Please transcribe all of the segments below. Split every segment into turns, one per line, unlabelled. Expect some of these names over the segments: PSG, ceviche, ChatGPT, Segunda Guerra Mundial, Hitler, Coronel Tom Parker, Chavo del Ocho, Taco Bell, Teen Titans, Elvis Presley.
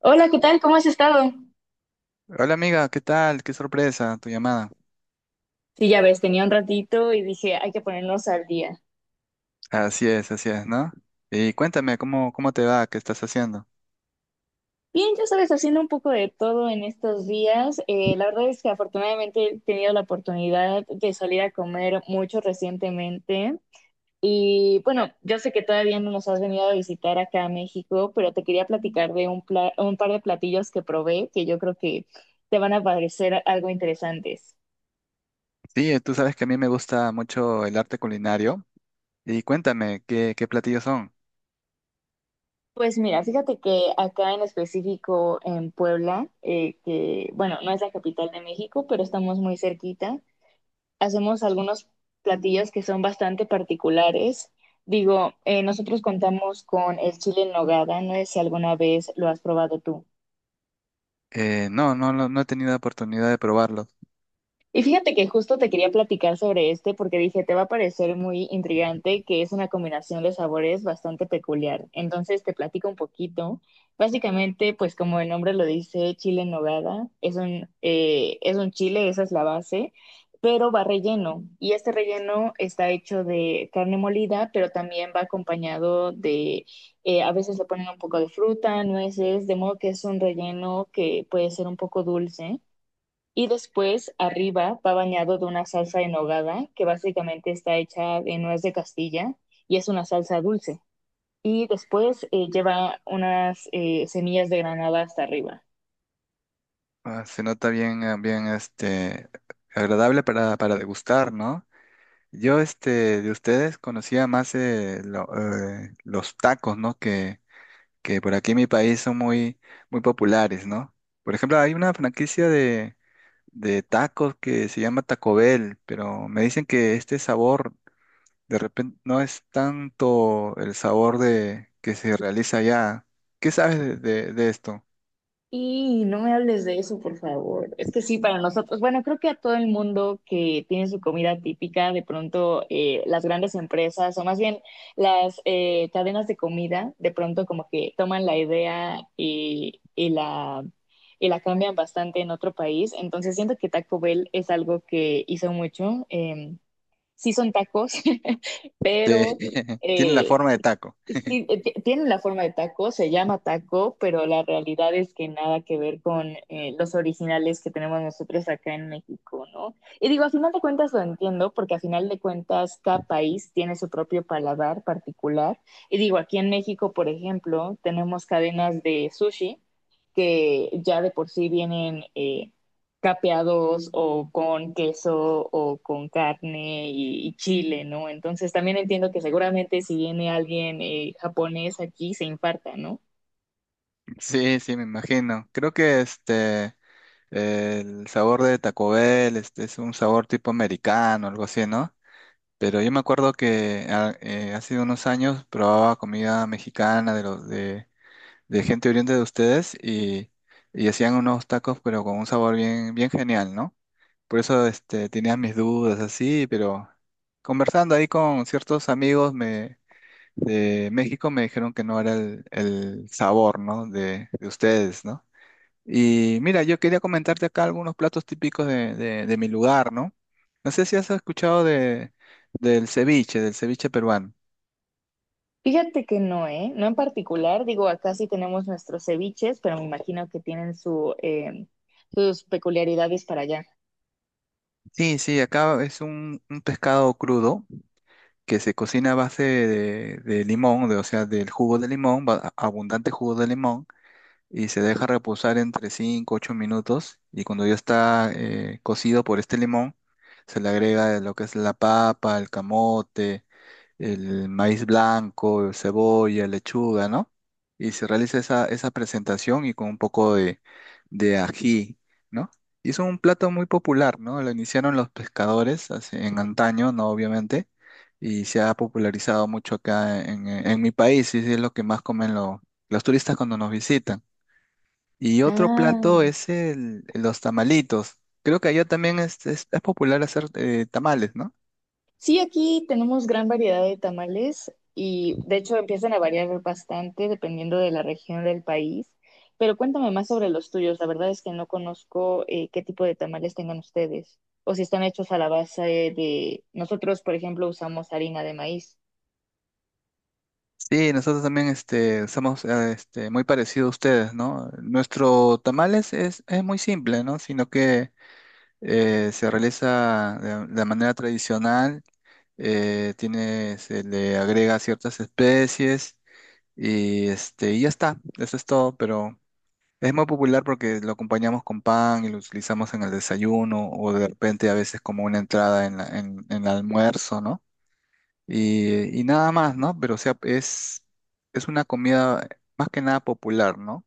Hola, ¿qué tal? ¿Cómo has estado?
Hola amiga, ¿qué tal? Qué sorpresa tu llamada.
Sí, ya ves, tenía un ratito y dije, hay que ponernos al día.
Así es, ¿no? Y cuéntame, ¿cómo te va? ¿Qué estás haciendo?
Bien, ya sabes, haciendo un poco de todo en estos días. La verdad es que afortunadamente he tenido la oportunidad de salir a comer mucho recientemente. Y bueno, yo sé que todavía no nos has venido a visitar acá a México, pero te quería platicar de un par de platillos que probé que yo creo que te van a parecer algo interesantes.
Sí, tú sabes que a mí me gusta mucho el arte culinario. Y cuéntame, ¿qué platillos son?
Pues mira, fíjate que acá en específico en Puebla, que bueno, no es la capital de México, pero estamos muy cerquita, hacemos algunos platillos que son bastante particulares. Digo, nosotros contamos con el chile en nogada, no sé si alguna vez lo has probado tú.
No, no, no, no he tenido oportunidad de probarlos.
Y fíjate que justo te quería platicar sobre este porque dije, te va a parecer muy intrigante que es una combinación de sabores bastante peculiar. Entonces te platico un poquito. Básicamente, pues como el nombre lo dice, chile en nogada, es un chile, esa es la base, pero va relleno. Y este relleno está hecho de carne molida, pero también va acompañado de, a veces le ponen un poco de fruta, nueces, de modo que es un relleno que puede ser un poco dulce y después, arriba, va bañado de una salsa en nogada, que básicamente está hecha de nuez de Castilla y es una salsa dulce. Y después lleva unas semillas de granada hasta arriba.
Ah, se nota bien, bien, agradable para degustar, ¿no? Yo, de ustedes conocía más los tacos, ¿no? Que por aquí en mi país son muy populares, ¿no? Por ejemplo, hay una franquicia de tacos que se llama Taco Bell, pero me dicen que este sabor de repente no es tanto el sabor de que se realiza allá. ¿Qué sabes de esto?
Y no me hables de eso, por favor. Es que sí, para nosotros, bueno, creo que a todo el mundo que tiene su comida típica, de pronto las grandes empresas o más bien las cadenas de comida, de pronto como que toman la idea y la cambian bastante en otro país. Entonces siento que Taco Bell es algo que hizo mucho. Sí son tacos,
Sí,
pero...
tienen la
eh,
forma de taco.
y sí, tiene la forma de taco, se llama taco, pero la realidad es que nada que ver con los originales que tenemos nosotros acá en México, ¿no? Y digo, a final de cuentas lo entiendo, porque a final de cuentas cada país tiene su propio paladar particular. Y digo, aquí en México, por ejemplo, tenemos cadenas de sushi que ya de por sí vienen capeados o con queso o con carne chile, ¿no? Entonces también entiendo que seguramente si viene alguien japonés aquí se infarta, ¿no?
Sí, sí, me imagino. Creo que este el sabor de Taco Bell este, es un sabor tipo americano, algo así, ¿no? Pero yo me acuerdo que hace unos años probaba comida mexicana de de gente oriente de ustedes y hacían unos tacos pero con un sabor bien genial, ¿no? Por eso este, tenía mis dudas así, pero conversando ahí con ciertos amigos me, de México me dijeron que no era el sabor, ¿no? De ustedes, ¿no? Y mira, yo quería comentarte acá algunos platos típicos de mi lugar, ¿no? No sé si has escuchado del ceviche peruano.
Fíjate que no, ¿eh? No en particular, digo, acá sí tenemos nuestros ceviches, pero me imagino que tienen su, sus peculiaridades para allá.
Sí, sí, acá es un pescado crudo que se cocina a base de limón, de, o sea, del jugo de limón, abundante jugo de limón, y se deja reposar entre 5 u 8 minutos. Y cuando ya está cocido por este limón, se le agrega lo que es la papa, el camote, el maíz blanco, cebolla, lechuga, ¿no? Y se realiza esa, esa presentación y con un poco de ají, ¿no? Y es un plato muy popular, ¿no? Lo iniciaron los pescadores en antaño, ¿no? Obviamente, y se ha popularizado mucho acá en mi país, y es lo que más comen los turistas cuando nos visitan. Y otro
Ah,
plato es el, los tamalitos. Creo que allá también es popular hacer tamales, ¿no?
sí, aquí tenemos gran variedad de tamales y de hecho empiezan a variar bastante dependiendo de la región del país. Pero cuéntame más sobre los tuyos. La verdad es que no conozco qué tipo de tamales tengan ustedes o si están hechos a la base de... Nosotros, por ejemplo, usamos harina de maíz.
Sí, nosotros también este, somos este, muy parecidos a ustedes, ¿no? Nuestro tamales es muy simple, ¿no? Sino que se realiza de manera tradicional, tiene, se le agrega ciertas especies y, este, y ya está, eso es todo, pero es muy popular porque lo acompañamos con pan y lo utilizamos en el desayuno o de repente a veces como una entrada en en el almuerzo, ¿no? Y nada más, ¿no? Pero o sea, es una comida más que nada popular, ¿no?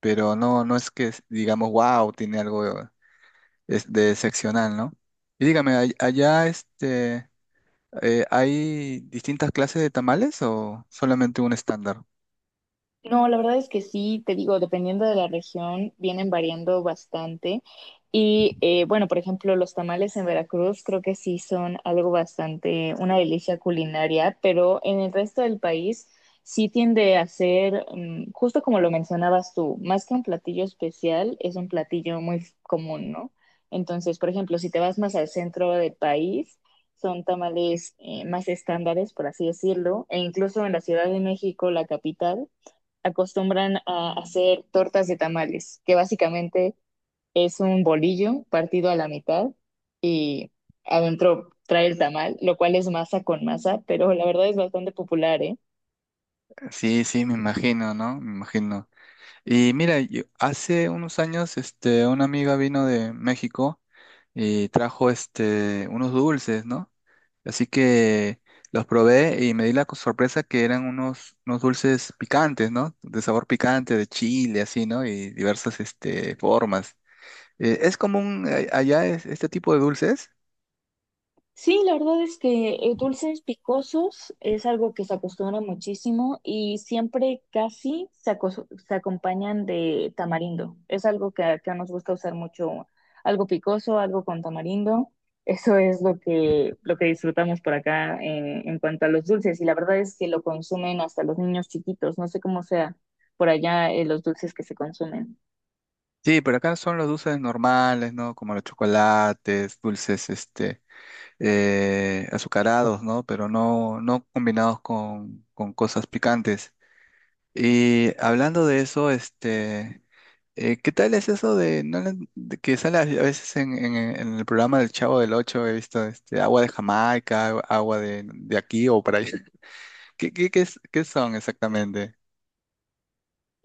Pero no, no es que digamos, wow, tiene algo de, de excepcional, ¿no? Y dígame, allá este, hay distintas clases de tamales o solamente un estándar?
No, la verdad es que sí, te digo, dependiendo de la región, vienen variando bastante. Y bueno, por ejemplo, los tamales en Veracruz creo que sí son algo bastante, una delicia culinaria, pero en el resto del país sí tiende a ser, justo como lo mencionabas tú, más que un platillo especial, es un platillo muy común, ¿no? Entonces, por ejemplo, si te vas más al centro del país, son tamales más estándares, por así decirlo, e incluso en la Ciudad de México, la capital acostumbran a hacer tortas de tamales, que básicamente es un bolillo partido a la mitad y adentro trae el tamal, lo cual es masa con masa, pero la verdad es bastante popular, ¿eh?
Sí, sí, me imagino, ¿no? Me imagino. Y mira, hace unos años este, una amiga vino de México y trajo este, unos dulces, ¿no? Así que los probé y me di la sorpresa que eran unos, unos dulces picantes, ¿no? De sabor picante, de chile, así, ¿no? Y diversas este, formas. ¿Es común este tipo de dulces?
Sí, la verdad es que dulces picosos es algo que se acostumbra muchísimo y siempre casi se acompañan de tamarindo. Es algo que acá nos gusta usar mucho, algo picoso, algo con tamarindo. Eso es lo que disfrutamos por acá en cuanto a los dulces y la verdad es que lo consumen hasta los niños chiquitos. No sé cómo sea por allá los dulces que se consumen.
Sí, pero acá son los dulces normales, ¿no? Como los chocolates, dulces este, azucarados, ¿no? Pero no, no combinados con cosas picantes. Y hablando de eso, este... ¿Qué tal es eso de, no de que sale a veces en, en el programa del Chavo del Ocho? He visto este, agua de Jamaica, agua de aquí o para allá. Qué son exactamente?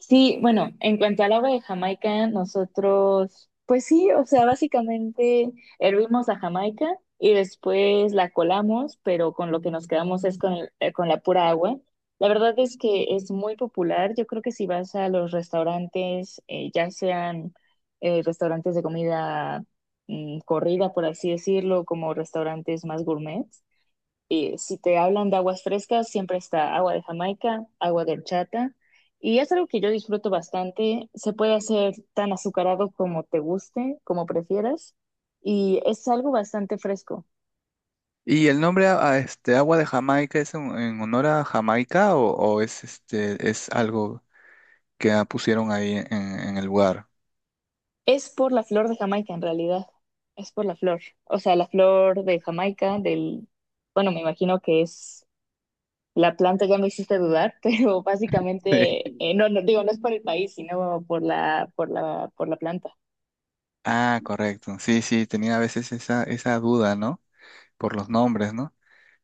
Sí, bueno, en cuanto al agua de Jamaica, nosotros, pues sí, o sea, básicamente hervimos a Jamaica y después la colamos, pero con lo que nos quedamos es con, con la pura agua. La verdad es que es muy popular. Yo creo que si vas a los restaurantes, ya sean restaurantes de comida corrida, por así decirlo, como restaurantes más gourmet, y si te hablan de aguas frescas, siempre está agua de Jamaica, agua de horchata. Y es algo que yo disfruto bastante. Se puede hacer tan azucarado como te guste, como prefieras. Y es algo bastante fresco.
¿Y el nombre a este, agua de Jamaica es en honor a Jamaica o es, este, es algo que pusieron ahí en el lugar?
Es por la flor de Jamaica, en realidad. Es por la flor. O sea, la flor de Jamaica, del... Bueno, me imagino que es la planta, ya me hiciste dudar, pero
Sí.
básicamente, no digo, no es por el país, sino por la, por la, por la planta.
Ah, correcto. Sí, sí, tenía a veces esa, esa duda, ¿no? Por los nombres, ¿no?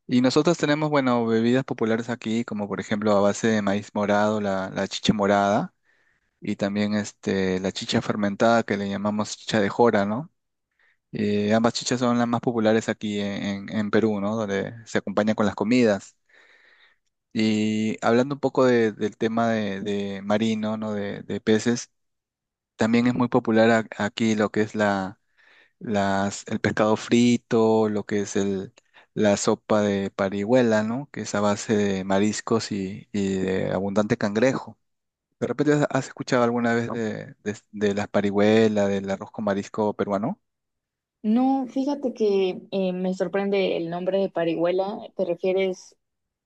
Y nosotros tenemos, bueno, bebidas populares aquí, como por ejemplo a base de maíz morado, la chicha morada, y también este, la chicha fermentada que le llamamos chicha de jora, ¿no? Ambas chichas son las más populares aquí en, en Perú, ¿no? Donde se acompañan con las comidas. Y hablando un poco del tema de marino, ¿no? De peces, también es muy popular aquí lo que es el pescado frito, lo que es la sopa de parihuela, ¿no? Que es a base de mariscos y de abundante cangrejo. ¿De repente has escuchado alguna vez de las parihuelas, del arroz con marisco peruano?
No, fíjate que me sorprende el nombre de parihuela. ¿Te refieres,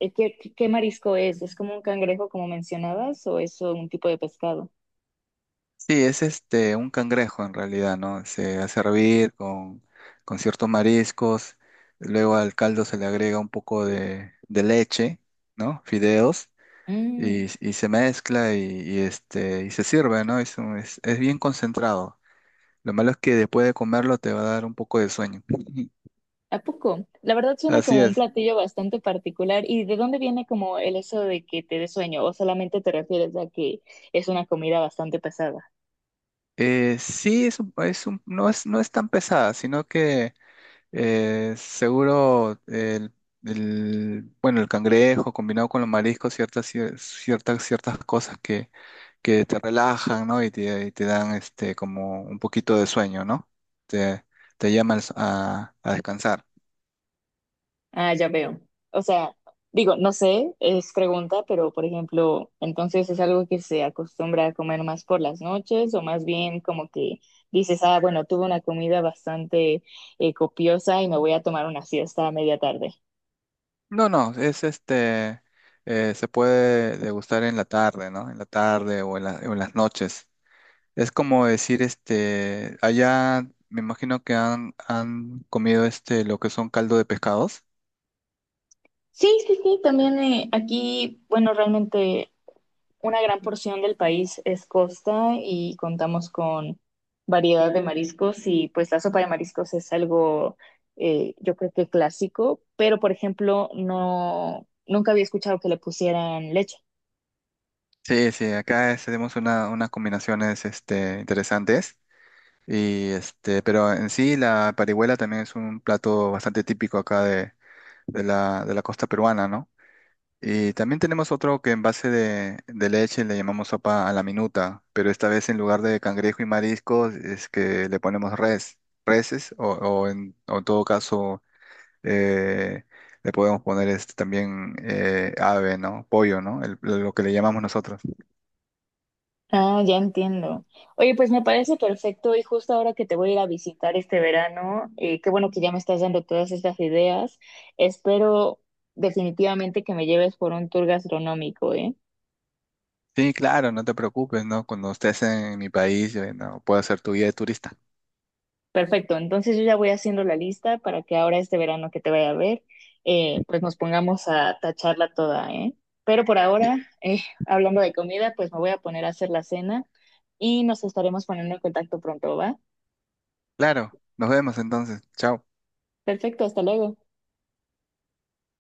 qué, qué marisco es? ¿Es como un cangrejo, como mencionabas, o es un tipo de pescado?
Sí, es este un cangrejo en realidad, ¿no? Se hace hervir con ciertos mariscos, luego al caldo se le agrega un poco de leche, ¿no? Fideos
Mm,
y se mezcla y, este, y se sirve, ¿no? Es, es bien concentrado. Lo malo es que después de comerlo te va a dar un poco de sueño.
¿A poco? La verdad suena
Así
como un
es.
platillo bastante particular. ¿Y de dónde viene como el eso de que te dé sueño? ¿O solamente te refieres a que es una comida bastante pesada?
Sí, no es, no es tan pesada, sino que seguro bueno, el cangrejo combinado con los mariscos, ciertas cosas que te relajan, ¿no? Y te dan este, como un poquito de sueño, ¿no? Te, te llaman a descansar.
Ah, ya veo. O sea, digo, no sé, es pregunta, pero por ejemplo, entonces es algo que se acostumbra a comer más por las noches o más bien como que dices, ah, bueno, tuve una comida bastante copiosa y me voy a tomar una siesta a media tarde.
No, no, es este, se puede degustar en la tarde, ¿no? En la tarde o en o en las noches. Es como decir, este, allá me imagino que han, han comido este, lo que son caldo de pescados.
Sí, sí, sí, también aquí, bueno, realmente una gran porción del país es costa y contamos con variedad de mariscos y pues la sopa de mariscos es algo yo creo que clásico, pero por ejemplo no nunca había escuchado que le pusieran leche.
Sí, sí, acá tenemos una, unas combinaciones, este, interesantes. Y este, pero en sí la parihuela también es un plato bastante típico acá de, de la costa peruana, ¿no? Y también tenemos otro que en base de leche le llamamos sopa a la minuta, pero esta vez en lugar de cangrejo y mariscos es que le ponemos reses o, o en todo caso eh, le podemos poner este, también ave, ¿no? Pollo, ¿no? Lo que le llamamos nosotros.
Ah, ya entiendo. Oye, pues me parece perfecto y justo ahora que te voy a ir a visitar este verano, qué bueno que ya me estás dando todas estas ideas. Espero definitivamente que me lleves por un tour gastronómico, ¿eh?
Sí, claro, no te preocupes, ¿no? Cuando estés en mi país, no, puedo ser tu guía de turista.
Perfecto, entonces yo ya voy haciendo la lista para que ahora este verano que te vaya a ver, pues nos pongamos a tacharla toda, ¿eh? Pero por
Bien,
ahora, eh, hablando de comida, pues me voy a poner a hacer la cena y nos estaremos poniendo en contacto pronto, ¿va?
claro, nos vemos entonces. Chao.
Perfecto, hasta luego.